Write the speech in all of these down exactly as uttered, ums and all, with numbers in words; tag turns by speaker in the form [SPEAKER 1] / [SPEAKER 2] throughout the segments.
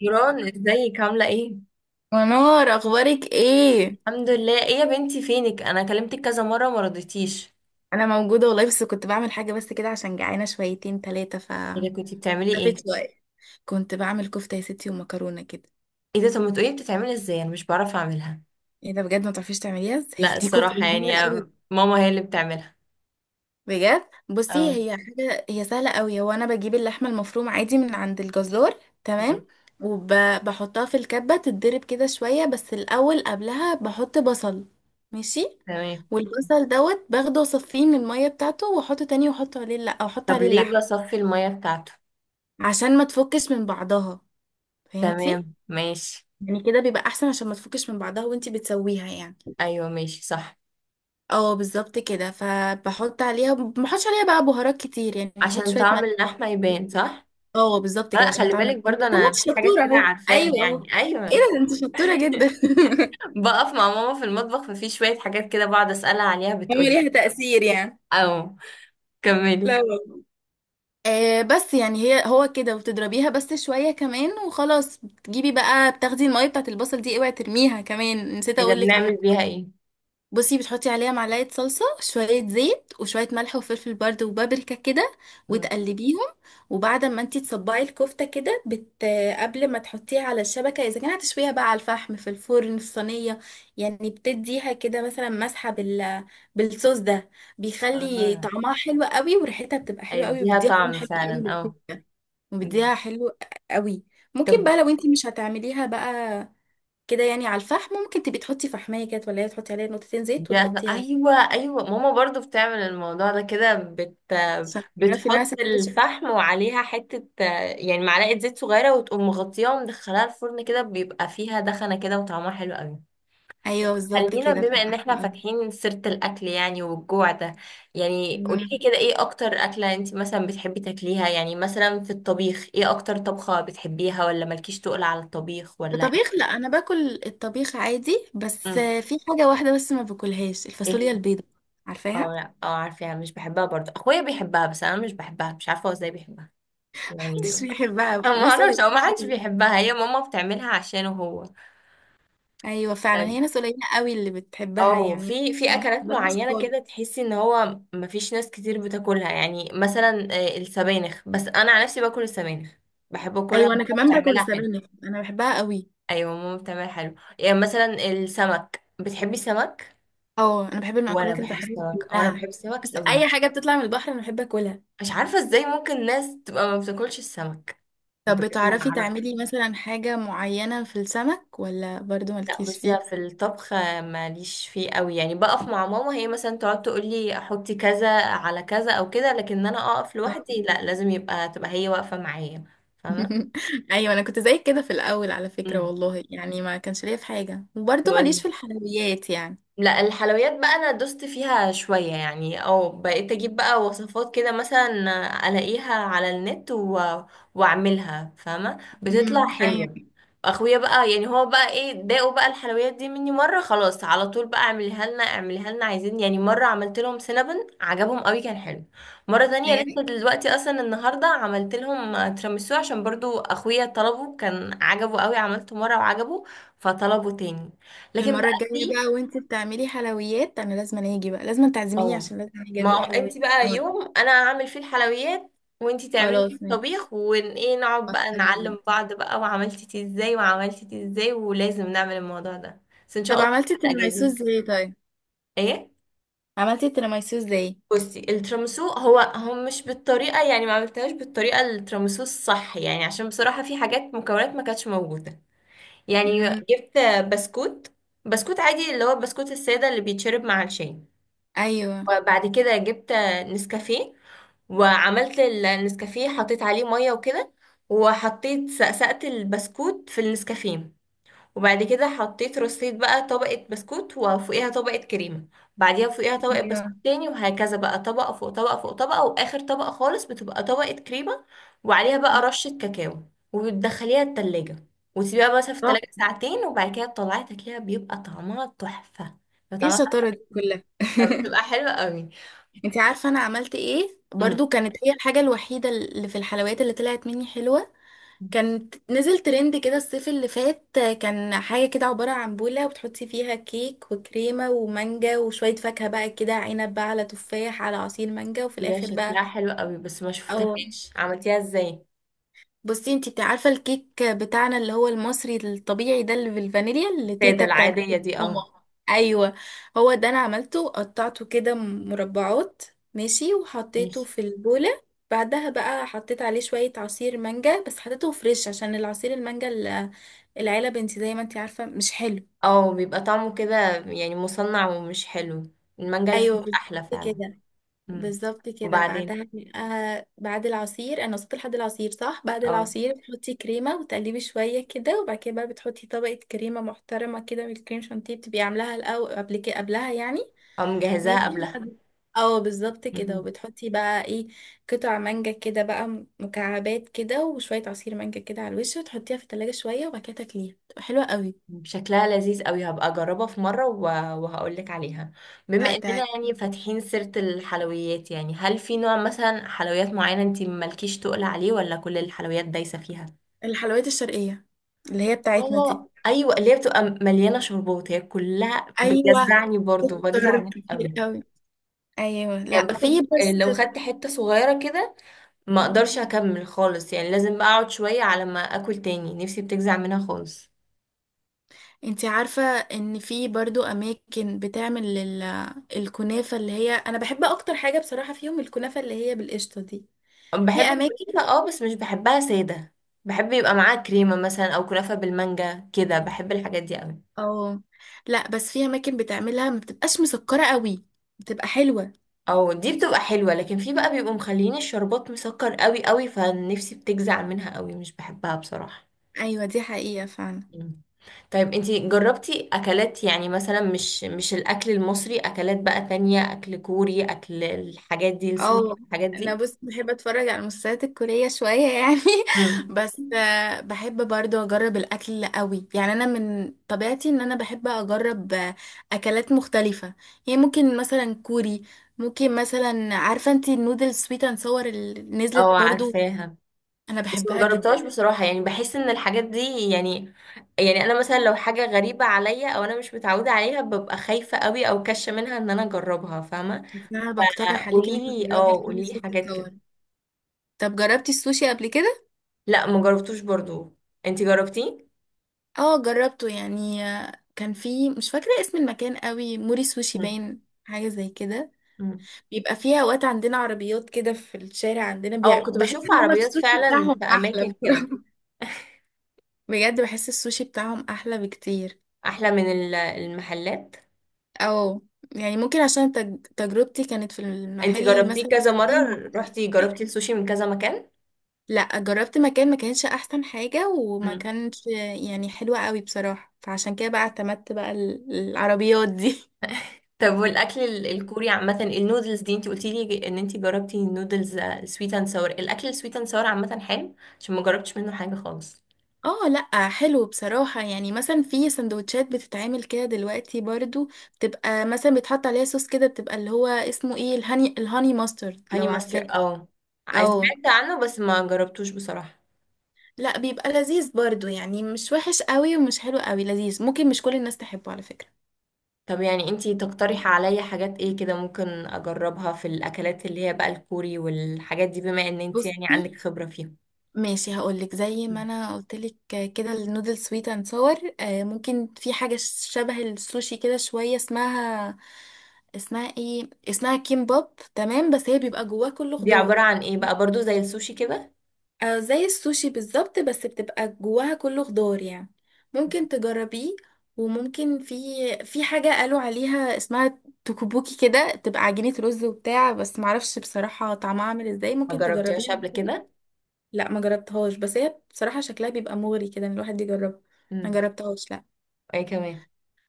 [SPEAKER 1] يوران، ازيك؟ عاملة ايه؟
[SPEAKER 2] منار، اخبارك ايه؟
[SPEAKER 1] الحمد لله. ايه يا بنتي، فينك؟ انا كلمتك كذا مرة ما رضيتيش.
[SPEAKER 2] انا موجوده والله، بس كنت بعمل حاجه بس كده عشان جعانه شويتين ثلاثه ف
[SPEAKER 1] ايه ده، كنتي بتعملي
[SPEAKER 2] لفيت
[SPEAKER 1] ايه؟
[SPEAKER 2] شويه. كنت بعمل كفته يا ستي ومكرونه كده.
[SPEAKER 1] ايه ده، طب ما تقولي بتتعملي ازاي؟ انا مش بعرف اعملها.
[SPEAKER 2] ايه ده؟ بجد ما تعرفيش تعمليها؟ هي
[SPEAKER 1] لا
[SPEAKER 2] دي كفته
[SPEAKER 1] الصراحة يعني،
[SPEAKER 2] سهله قوي.
[SPEAKER 1] ماما هي اللي بتعملها.
[SPEAKER 2] بجد. بصي،
[SPEAKER 1] اه،
[SPEAKER 2] هي حاجه هي سهله قوي. هو انا بجيب اللحمه المفرومه عادي من عند الجزار،
[SPEAKER 1] ماشي.
[SPEAKER 2] تمام. وبحطها في الكبه تتضرب كده شويه، بس الاول قبلها بحط بصل. ماشي.
[SPEAKER 1] تمام.
[SPEAKER 2] والبصل دوت باخده وصفيه من الميه بتاعته، واحطه تاني، واحط عليه، لا، او احط
[SPEAKER 1] طب
[SPEAKER 2] عليه
[SPEAKER 1] ليه
[SPEAKER 2] اللحم.
[SPEAKER 1] بصفي المية بتاعته؟
[SPEAKER 2] عشان ما تفكش من بعضها. فهمتي؟
[SPEAKER 1] تمام، ماشي.
[SPEAKER 2] يعني كده بيبقى احسن، عشان ما تفكش من بعضها وانتي بتسويها يعني.
[SPEAKER 1] ايوه، ماشي، صح.
[SPEAKER 2] اه بالظبط كده. فبحط عليها، ما بحطش عليها بقى بهارات كتير، يعني بحط
[SPEAKER 1] عشان
[SPEAKER 2] شويه
[SPEAKER 1] طعم
[SPEAKER 2] ملح.
[SPEAKER 1] اللحمة يبان، صح؟
[SPEAKER 2] اه بالظبط كده
[SPEAKER 1] لا
[SPEAKER 2] عشان
[SPEAKER 1] خلي
[SPEAKER 2] تعمل.
[SPEAKER 1] بالك، برضه
[SPEAKER 2] طب ما
[SPEAKER 1] انا
[SPEAKER 2] انت
[SPEAKER 1] في حاجات
[SPEAKER 2] شطوره
[SPEAKER 1] كده
[SPEAKER 2] اهو،
[SPEAKER 1] عارفاها
[SPEAKER 2] ايوه اهو.
[SPEAKER 1] يعني.
[SPEAKER 2] ايه
[SPEAKER 1] ايوه،
[SPEAKER 2] ده، انت شطوره جدا.
[SPEAKER 1] بقف مع ماما في المطبخ، ففي شوية حاجات كده بقعد اسألها عليها
[SPEAKER 2] هي
[SPEAKER 1] بتقولي.
[SPEAKER 2] ليها تأثير يعني.
[SPEAKER 1] او
[SPEAKER 2] لا
[SPEAKER 1] كملي.
[SPEAKER 2] والله. آه بس يعني هي هو كده، وتضربيها بس شويه كمان وخلاص. بتجيبي بقى، بتاخدي الميه بتاعت البصل دي، اوعي ترميها، كمان نسيت
[SPEAKER 1] اذا
[SPEAKER 2] اقول لك.
[SPEAKER 1] بنعمل بيها ايه؟
[SPEAKER 2] بصي، بتحطي عليها معلقة صلصة، شوية زيت، وشوية ملح وفلفل برده، وبابريكا كده.
[SPEAKER 1] مم.
[SPEAKER 2] وتقلبيهم. وبعد ما انتي تصبعي الكفتة كده. بت... قبل ما تحطيها على الشبكة، اذا كان هتشويها بقى على الفحم في الفرن في الصينية. يعني بتديها كده مثلا مسحة بال... بالصوص ده. بيخلي
[SPEAKER 1] اه،
[SPEAKER 2] طعمها حلو قوي وريحتها بتبقى حلوة قوي
[SPEAKER 1] هيديها
[SPEAKER 2] وبيديها لون
[SPEAKER 1] طعم
[SPEAKER 2] حلو قوي
[SPEAKER 1] فعلا، اه.
[SPEAKER 2] للكفتة.
[SPEAKER 1] مم.
[SPEAKER 2] وبيديها حلو قوي. ممكن
[SPEAKER 1] طب
[SPEAKER 2] بقى لو انتي مش هتعمليها بقى كده يعني على الفحم، ممكن تبقي تحطي فحمية كده، ولا تحطي عليها نقطتين زيت
[SPEAKER 1] ده،
[SPEAKER 2] وتغطيها
[SPEAKER 1] ايوه ايوه، ماما برضو بتعمل الموضوع ده كده، بت
[SPEAKER 2] عشان تعرفي انها
[SPEAKER 1] بتحط
[SPEAKER 2] سندوتش.
[SPEAKER 1] الفحم وعليها حته، آه، يعني معلقه زيت صغيره وتقوم مغطياها ومدخلاها الفرن، كده بيبقى فيها دخنه كده وطعمها حلو قوي.
[SPEAKER 2] ايوه بالظبط
[SPEAKER 1] خلينا
[SPEAKER 2] كده،
[SPEAKER 1] بما
[SPEAKER 2] بتبقى
[SPEAKER 1] ان احنا
[SPEAKER 2] حلوة أوي.
[SPEAKER 1] فاتحين سيرة الاكل يعني، والجوع ده، يعني قوليلي
[SPEAKER 2] مم.
[SPEAKER 1] كده ايه اكتر اكلة انت مثلا بتحبي تاكليها؟ يعني مثلا في الطبيخ ايه اكتر طبخة بتحبيها؟ ولا مالكيش تقول على الطبيخ، ولا
[SPEAKER 2] الطبيخ،
[SPEAKER 1] ايه؟
[SPEAKER 2] لا انا باكل الطبيخ عادي، بس
[SPEAKER 1] امم،
[SPEAKER 2] في حاجة واحدة بس ما باكلهاش،
[SPEAKER 1] ايه
[SPEAKER 2] الفاصوليا
[SPEAKER 1] هي؟
[SPEAKER 2] البيضاء. عارفاها؟
[SPEAKER 1] اه، لا اه عارفاها، مش بحبها برضه. اخويا بيحبها بس انا مش بحبها، مش عارفة هو ازاي بيحبها. بس يعني
[SPEAKER 2] محدش بيحبها،
[SPEAKER 1] أنا ما
[SPEAKER 2] ناس
[SPEAKER 1] اعرفش
[SPEAKER 2] قليلة
[SPEAKER 1] او ما حدش
[SPEAKER 2] أوي.
[SPEAKER 1] بيحبها، هي ماما بتعملها عشانه هو.
[SPEAKER 2] ايوه فعلا، هي ناس قليلة قوي اللي بتحبها
[SPEAKER 1] اه،
[SPEAKER 2] يعني.
[SPEAKER 1] في في اكلات
[SPEAKER 2] بلاش
[SPEAKER 1] معينه كده
[SPEAKER 2] خالص.
[SPEAKER 1] تحسي ان هو مفيش ناس كتير بتاكلها، يعني مثلا آه، السبانخ، بس انا عن نفسي باكل السبانخ، بحب اكلها.
[SPEAKER 2] ايوه انا
[SPEAKER 1] ماما
[SPEAKER 2] كمان باكل
[SPEAKER 1] بتعملها حلو.
[SPEAKER 2] السبانخ، انا بحبها قوي.
[SPEAKER 1] ايوه ماما بتعملها حلو، يعني مثلا السمك، بتحبي السمك،
[SPEAKER 2] اه انا بحب
[SPEAKER 1] وانا
[SPEAKER 2] المأكولات اللي
[SPEAKER 1] بحب
[SPEAKER 2] بحبها
[SPEAKER 1] السمك وانا
[SPEAKER 2] كلها.
[SPEAKER 1] بحب السمك
[SPEAKER 2] بس
[SPEAKER 1] قوي.
[SPEAKER 2] اي حاجة بتطلع من البحر انا بحب اكلها.
[SPEAKER 1] مش عارفه ازاي ممكن ناس تبقى ما بتاكلش السمك؟
[SPEAKER 2] طب
[SPEAKER 1] بجد ما
[SPEAKER 2] بتعرفي
[SPEAKER 1] اعرفش.
[SPEAKER 2] تعملي مثلا حاجة معينة في السمك، ولا برضو
[SPEAKER 1] لا
[SPEAKER 2] مالكيش
[SPEAKER 1] بصي، في
[SPEAKER 2] فيه؟
[SPEAKER 1] الطبخ ماليش فيه قوي، يعني بقف مع ماما، هي مثلا تقعد تقول لي احطي كذا على كذا او كده، لكن انا اقف
[SPEAKER 2] آه.
[SPEAKER 1] لوحدي لا، لازم يبقى تبقى هي واقفة معايا. فاهمة؟
[SPEAKER 2] ايوه انا كنت زيك كده في الاول على فكرة، والله يعني ما كانش ليا في حاجة، وبرضو
[SPEAKER 1] مم.
[SPEAKER 2] ماليش في الحلويات يعني.
[SPEAKER 1] لا الحلويات بقى، انا دوست فيها شوية يعني، او بقيت اجيب بقى وصفات كده مثلا الاقيها على النت و... واعملها، فاهمة،
[SPEAKER 2] امم،
[SPEAKER 1] بتطلع
[SPEAKER 2] ايوه.
[SPEAKER 1] حلوة. اخويا بقى يعني هو بقى، ايه، داقوا بقى الحلويات دي مني مرة، خلاص على طول بقى اعملها لنا اعملها لنا عايزين، يعني مرة عملت لهم سينابون عجبهم قوي، كان حلو. مرة تانية لسه
[SPEAKER 2] بجد؟
[SPEAKER 1] دلوقتي، اصلا النهاردة عملت لهم تيراميسو عشان برضو اخويا طلبه، كان عجبه قوي، عملته مرة وعجبه فطلبه تاني. لكن بقى
[SPEAKER 2] المرة الجاية
[SPEAKER 1] في،
[SPEAKER 2] بقى وانت بتعملي حلويات، انا لازم أنا اجي بقى، لازم تعزميني
[SPEAKER 1] اه.
[SPEAKER 2] عشان لازم اجي
[SPEAKER 1] ما
[SPEAKER 2] ادوق
[SPEAKER 1] هو
[SPEAKER 2] حلويات.
[SPEAKER 1] انت بقى
[SPEAKER 2] النهاردة.
[SPEAKER 1] يوم انا هعمل فيه الحلويات وانت تعملي فيه
[SPEAKER 2] خلاص ماشي.
[SPEAKER 1] الطبيخ، ون ايه، نقعد بقى
[SPEAKER 2] موافقة جدا.
[SPEAKER 1] نعلم بعض بقى، وعملتي دي ازاي وعملتي دي ازاي، ولازم نعمل الموضوع ده. بس ان شاء
[SPEAKER 2] طب
[SPEAKER 1] الله
[SPEAKER 2] عملتي
[SPEAKER 1] في الاجازه.
[SPEAKER 2] التيراميسو ازاي طيب؟
[SPEAKER 1] ايه؟
[SPEAKER 2] عملتي التيراميسو ازاي؟
[SPEAKER 1] بصي، الترامسو هو، هم مش بالطريقه يعني، ما عملتهاش بالطريقه الترامسو الصح يعني، عشان بصراحه في حاجات مكونات ما كانتش موجوده يعني.
[SPEAKER 2] امم،
[SPEAKER 1] جبت بسكوت بسكوت عادي اللي هو البسكوت الساده اللي بيتشرب مع الشاي.
[SPEAKER 2] ايوه.
[SPEAKER 1] وبعد كده جبت نسكافيه، وعملت النسكافيه حطيت عليه ميه وكده، وحطيت سقسقت البسكوت في النسكافيه، وبعد كده حطيت رصيت بقى طبقة بسكوت وفوقيها طبقة كريمة، بعديها فوقيها طبقة
[SPEAKER 2] ايوه.
[SPEAKER 1] بسكوت تاني، وهكذا بقى طبقة فوق طبقة فوق طبقة، وآخر طبقة خالص بتبقى طبقة كريمة، وعليها
[SPEAKER 2] مم.
[SPEAKER 1] بقى رشة كاكاو، وبتدخليها التلاجة، وتسيبيها مثلا في التلاجة ساعتين، وبعد كده تطلعي تاكليها بيبقى طعمها تحفة. بيبقى
[SPEAKER 2] ايه
[SPEAKER 1] طعمها
[SPEAKER 2] الشطارة دي كلها؟
[SPEAKER 1] تحفة، بتبقى حلوة قوي.
[SPEAKER 2] انت عارفة انا عملت ايه برضو، كانت هي الحاجة الوحيدة اللي في الحلويات اللي طلعت مني حلوة.
[SPEAKER 1] مم.
[SPEAKER 2] كانت نزل ترند كده الصيف اللي فات، كان حاجة كده عبارة عن بولة، وبتحطي فيها كيك وكريمة ومانجا وشوية فاكهة بقى كده، عنب بقى على تفاح على عصير مانجا، وفي
[SPEAKER 1] دي، ده
[SPEAKER 2] الآخر بقى.
[SPEAKER 1] شكلها حلو قوي، بس ما
[SPEAKER 2] او.
[SPEAKER 1] شفتهاش عملتيها ازاي.
[SPEAKER 2] بصي، انتي بتاع- عارفه الكيك بتاعنا اللي هو المصري الطبيعي ده اللي بالفانيليا اللي
[SPEAKER 1] السادة
[SPEAKER 2] تيتا بتعمله.
[SPEAKER 1] العادية دي،
[SPEAKER 2] ماما.
[SPEAKER 1] اه.
[SPEAKER 2] ايوه. هو ده انا عملته، قطعته كده مربعات. ماشي، وحطيته
[SPEAKER 1] ماشي.
[SPEAKER 2] في البوله. بعدها بقى حطيت عليه شويه عصير مانجا، بس حطيته فريش عشان العصير المانجا ال- العلب، انتي زي ما انتي عارفه مش حلو.
[SPEAKER 1] اه بيبقى طعمه كده يعني مصنع ومش حلو، المانجا
[SPEAKER 2] ايوه
[SPEAKER 1] الفريش احلى
[SPEAKER 2] بالظبط
[SPEAKER 1] فعلا.
[SPEAKER 2] كده.
[SPEAKER 1] مم.
[SPEAKER 2] بالظبط كده
[SPEAKER 1] وبعدين؟
[SPEAKER 2] بعدها. آه بعد العصير انا وصلت لحد العصير صح؟ بعد
[SPEAKER 1] اه،
[SPEAKER 2] العصير بتحطي كريمه وتقلبي شويه كده، وبعد كده بقى بتحطي طبقه كريمه محترمه كده من الكريم شانتيه، بتبقي عاملاها الاول قبل كده قبلها يعني.
[SPEAKER 1] اه مجهزاها
[SPEAKER 2] ماشي
[SPEAKER 1] قبلها.
[SPEAKER 2] وبعد- اه بالظبط كده.
[SPEAKER 1] مهم.
[SPEAKER 2] وبتحطي بقى ايه، قطع مانجا كده بقى م- مكعبات كده وشويه عصير مانجا كده على الوش، وتحطيها في التلاجة شويه، وبعد كده تاكليها بتبقى حلوه قوي.
[SPEAKER 1] شكلها لذيذ قوي، هبقى اجربها في مرة وهقول لك عليها. بما اننا يعني
[SPEAKER 2] هتعجبك
[SPEAKER 1] فاتحين سيرة الحلويات، يعني هل في نوع مثلا حلويات معينة انت مالكيش تقول عليه، ولا كل الحلويات دايسة فيها؟
[SPEAKER 2] الحلويات الشرقيه اللي هي بتاعتنا دي.
[SPEAKER 1] اه، ايوه اللي هي بتبقى مليانه شربات، هي كلها
[SPEAKER 2] ايوه،
[SPEAKER 1] بتجزعني برضو، بجزع
[SPEAKER 2] سكر
[SPEAKER 1] منها
[SPEAKER 2] كتير
[SPEAKER 1] قوي.
[SPEAKER 2] قوي. ايوه
[SPEAKER 1] يعني
[SPEAKER 2] لا في
[SPEAKER 1] باخد،
[SPEAKER 2] بس.
[SPEAKER 1] لو خدت حته صغيره كده ما اقدرش
[SPEAKER 2] مم.
[SPEAKER 1] اكمل خالص، يعني لازم بقى اقعد شويه على ما اكل تاني، نفسي بتجزع منها خالص.
[SPEAKER 2] انتي عارفة ان في برضو اماكن بتعمل ال- الكنافة اللي هي انا بحب اكتر حاجة بصراحة فيهم، الكنافة اللي هي بالقشطة دي. في
[SPEAKER 1] بحب
[SPEAKER 2] اماكن.
[SPEAKER 1] الكنافه اه، بس مش بحبها ساده، بحب يبقى معاها كريمه مثلا، او كنافه بالمانجا كده، بحب الحاجات دي قوي.
[SPEAKER 2] اه، لا بس في اماكن بتعملها ما بتبقاش مسكرة قوي، بتبقى حلوة.
[SPEAKER 1] او دي بتبقى حلوه، لكن في بقى بيبقوا مخليين الشربات مسكر قوي قوي، فنفسي بتجزع منها قوي، مش بحبها بصراحه.
[SPEAKER 2] ايوه دي حقيقة فعلا.
[SPEAKER 1] مم. طيب، انتي جربتي اكلات يعني مثلا مش مش الاكل المصري، اكلات بقى تانية، اكل كوري، اكل الحاجات دي، السوشي
[SPEAKER 2] اه
[SPEAKER 1] الحاجات
[SPEAKER 2] انا
[SPEAKER 1] دي؟
[SPEAKER 2] بص بحب اتفرج على المسلسلات الكورية شوية يعني.
[SPEAKER 1] مم.
[SPEAKER 2] بس آه، بحب برضو اجرب الاكل قوي، يعني انا من طبيعتي ان انا بحب اجرب آه، اكلات مختلفة. يعني ممكن مثلا كوري. ممكن مثلا عارفة انتي النودل سويت اند صور اللي نزلت
[SPEAKER 1] اه
[SPEAKER 2] برضو.
[SPEAKER 1] عارفاها،
[SPEAKER 2] انا
[SPEAKER 1] بس
[SPEAKER 2] بحبها
[SPEAKER 1] ما
[SPEAKER 2] جدا.
[SPEAKER 1] جربتهاش بصراحة، يعني بحس ان الحاجات دي، يعني، يعني انا مثلا لو حاجة غريبة عليا او انا مش متعودة عليها، ببقى خايفة قوي او كاشة منها ان انا اجربها، فاهمة؟
[SPEAKER 2] بس انا
[SPEAKER 1] آه،
[SPEAKER 2] بقترح عليك ان انت
[SPEAKER 1] قوليلي،
[SPEAKER 2] تجربي
[SPEAKER 1] اه
[SPEAKER 2] النودل
[SPEAKER 1] قوليلي
[SPEAKER 2] سويت اند
[SPEAKER 1] حاجات كده.
[SPEAKER 2] صور. طب جربتي السوشي قبل كده؟
[SPEAKER 1] لا ما جربتوش برضو، انتي جربتيه؟
[SPEAKER 2] اه جربته يعني، آه، كان في مش فاكرة اسم المكان قوي، موري سوشي
[SPEAKER 1] مم.
[SPEAKER 2] باين حاجة زي كده.
[SPEAKER 1] مم.
[SPEAKER 2] بيبقى فيها اوقات عندنا عربيات كده في الشارع عندنا
[SPEAKER 1] اه
[SPEAKER 2] بيع...
[SPEAKER 1] كنت
[SPEAKER 2] بحس
[SPEAKER 1] بشوف
[SPEAKER 2] ان هما
[SPEAKER 1] عربيات
[SPEAKER 2] السوشي
[SPEAKER 1] فعلا
[SPEAKER 2] بتاعهم
[SPEAKER 1] في
[SPEAKER 2] احلى
[SPEAKER 1] اماكن كده.
[SPEAKER 2] بصراحة. بجد بحس السوشي بتاعهم احلى بكتير.
[SPEAKER 1] احلى من ال- المحلات.
[SPEAKER 2] او. يعني ممكن عشان تج... تجربتي كانت في
[SPEAKER 1] انت
[SPEAKER 2] المحل
[SPEAKER 1] جربتيه
[SPEAKER 2] مثلا ما
[SPEAKER 1] كذا مرة،
[SPEAKER 2] كانش
[SPEAKER 1] رحتي
[SPEAKER 2] حاجة.
[SPEAKER 1] جربتي السوشي من كذا مكان؟
[SPEAKER 2] لا جربت مكان ما كانش احسن حاجة وما
[SPEAKER 1] مم.
[SPEAKER 2] كانش يعني حلوة قوي بصراحة، فعشان كده بقى اعتمدت بقى ال- العربيات دي.
[SPEAKER 1] طب والاكل ال- الكوري عامة، النودلز دي انت قلتي لي ان انت جربتي النودلز سويت اند ساور، الاكل السويت اند ساور عامة حلو؟ عشان ما جربتش منه حاجة خالص.
[SPEAKER 2] اه لا حلو بصراحة، يعني مثلا في سندوتشات بتتعمل كده دلوقتي برضو، بتبقى مثلا بيتحط عليها صوص كده، بتبقى اللي هو اسمه ايه، الهاني الهاني ماسترد
[SPEAKER 1] هاني
[SPEAKER 2] لو عارفاه.
[SPEAKER 1] ماستر، اه، عايز-
[SPEAKER 2] او
[SPEAKER 1] سمعت عنه بس ما جربتوش بصراحة.
[SPEAKER 2] لا بيبقى لذيذ برضو، يعني مش وحش قوي ومش حلو قوي، لذيذ، ممكن مش كل الناس تحبه على فكرة.
[SPEAKER 1] طب يعني انت تقترحي عليا حاجات ايه كده ممكن اجربها في الاكلات اللي هي بقى الكوري والحاجات دي، بما ان انت يعني
[SPEAKER 2] بصي،
[SPEAKER 1] عندك خبرة فيها؟
[SPEAKER 2] ماشي هقولك زي ما
[SPEAKER 1] مم.
[SPEAKER 2] انا قلتلك، كده النودل سويت اند صور. ممكن في حاجة شبه السوشي كده شوية، اسمها اسمها ايه، اسمها كيمباب تمام، بس هي بيبقى جواها كله
[SPEAKER 1] دي عبارة
[SPEAKER 2] خضار.
[SPEAKER 1] عن ايه بقى؟ برضو زي السوشي كده؟
[SPEAKER 2] آه، زي السوشي بالظبط بس بتبقى جواها كله خضار يعني، ممكن تجربيه. وممكن في في حاجة قالوا عليها اسمها توكوبوكي كده، تبقى عجينة رز وبتاع، بس معرفش بصراحة طعمها عامل ازاي،
[SPEAKER 1] ما
[SPEAKER 2] ممكن
[SPEAKER 1] جربتيهاش
[SPEAKER 2] تجربيها
[SPEAKER 1] قبل
[SPEAKER 2] برضه.
[SPEAKER 1] كده؟
[SPEAKER 2] لا ما جربتهاش، بس هي بصراحة شكلها بيبقى مغري كده ان الواحد يجربها. ما
[SPEAKER 1] امم.
[SPEAKER 2] جربتهاش لا.
[SPEAKER 1] اي كمان؟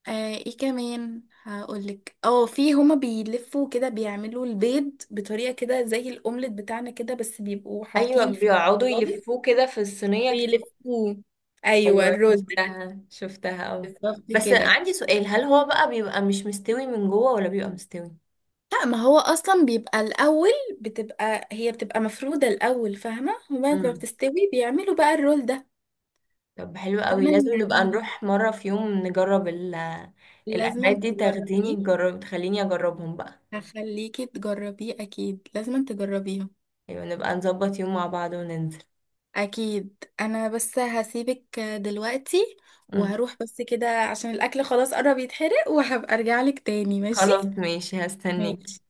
[SPEAKER 2] آه ايه كمان هقولك، اه في هما بيلفوا كده بيعملوا البيض بطريقة كده زي الاومليت بتاعنا كده، بس بيبقوا
[SPEAKER 1] ايوه
[SPEAKER 2] حاطين فيه
[SPEAKER 1] بيقعدوا
[SPEAKER 2] خضار
[SPEAKER 1] يلفوه كده في الصينيه كتير.
[SPEAKER 2] ويلفوه. ايوه
[SPEAKER 1] ايوه
[SPEAKER 2] الرز
[SPEAKER 1] شفتها شفتها، اه.
[SPEAKER 2] بالظبط
[SPEAKER 1] بس
[SPEAKER 2] كده.
[SPEAKER 1] عندي سؤال، هل هو بقى بيبقى مش مستوي من جوه ولا بيبقى مستوي؟
[SPEAKER 2] لا ما هو اصلا بيبقى الاول، بتبقى هي بتبقى مفرودة الاول، فاهمة؟ وبعد ما
[SPEAKER 1] امم.
[SPEAKER 2] بتستوي بيعملوا بقى الرول ده.
[SPEAKER 1] طب حلو قوي،
[SPEAKER 2] فانا
[SPEAKER 1] لازم نبقى
[SPEAKER 2] يعني
[SPEAKER 1] نروح مره في يوم نجرب ال،
[SPEAKER 2] لازم
[SPEAKER 1] الاكلات دي، تاخديني
[SPEAKER 2] تجربيه.
[SPEAKER 1] تجرب، تخليني اجربهم بقى.
[SPEAKER 2] هخليكي تجربيه اكيد لازم تجربيها.
[SPEAKER 1] ايوه نبقى نظبط يوم مع بعض وننزل.
[SPEAKER 2] اكيد، انا بس هسيبك دلوقتي
[SPEAKER 1] امم.
[SPEAKER 2] وهروح بس كده عشان الاكل خلاص قرب يتحرق، وهبقى ارجع لك تاني، ماشي.
[SPEAKER 1] خلاص، ماشي، هستنيك.
[SPEAKER 2] ماشي.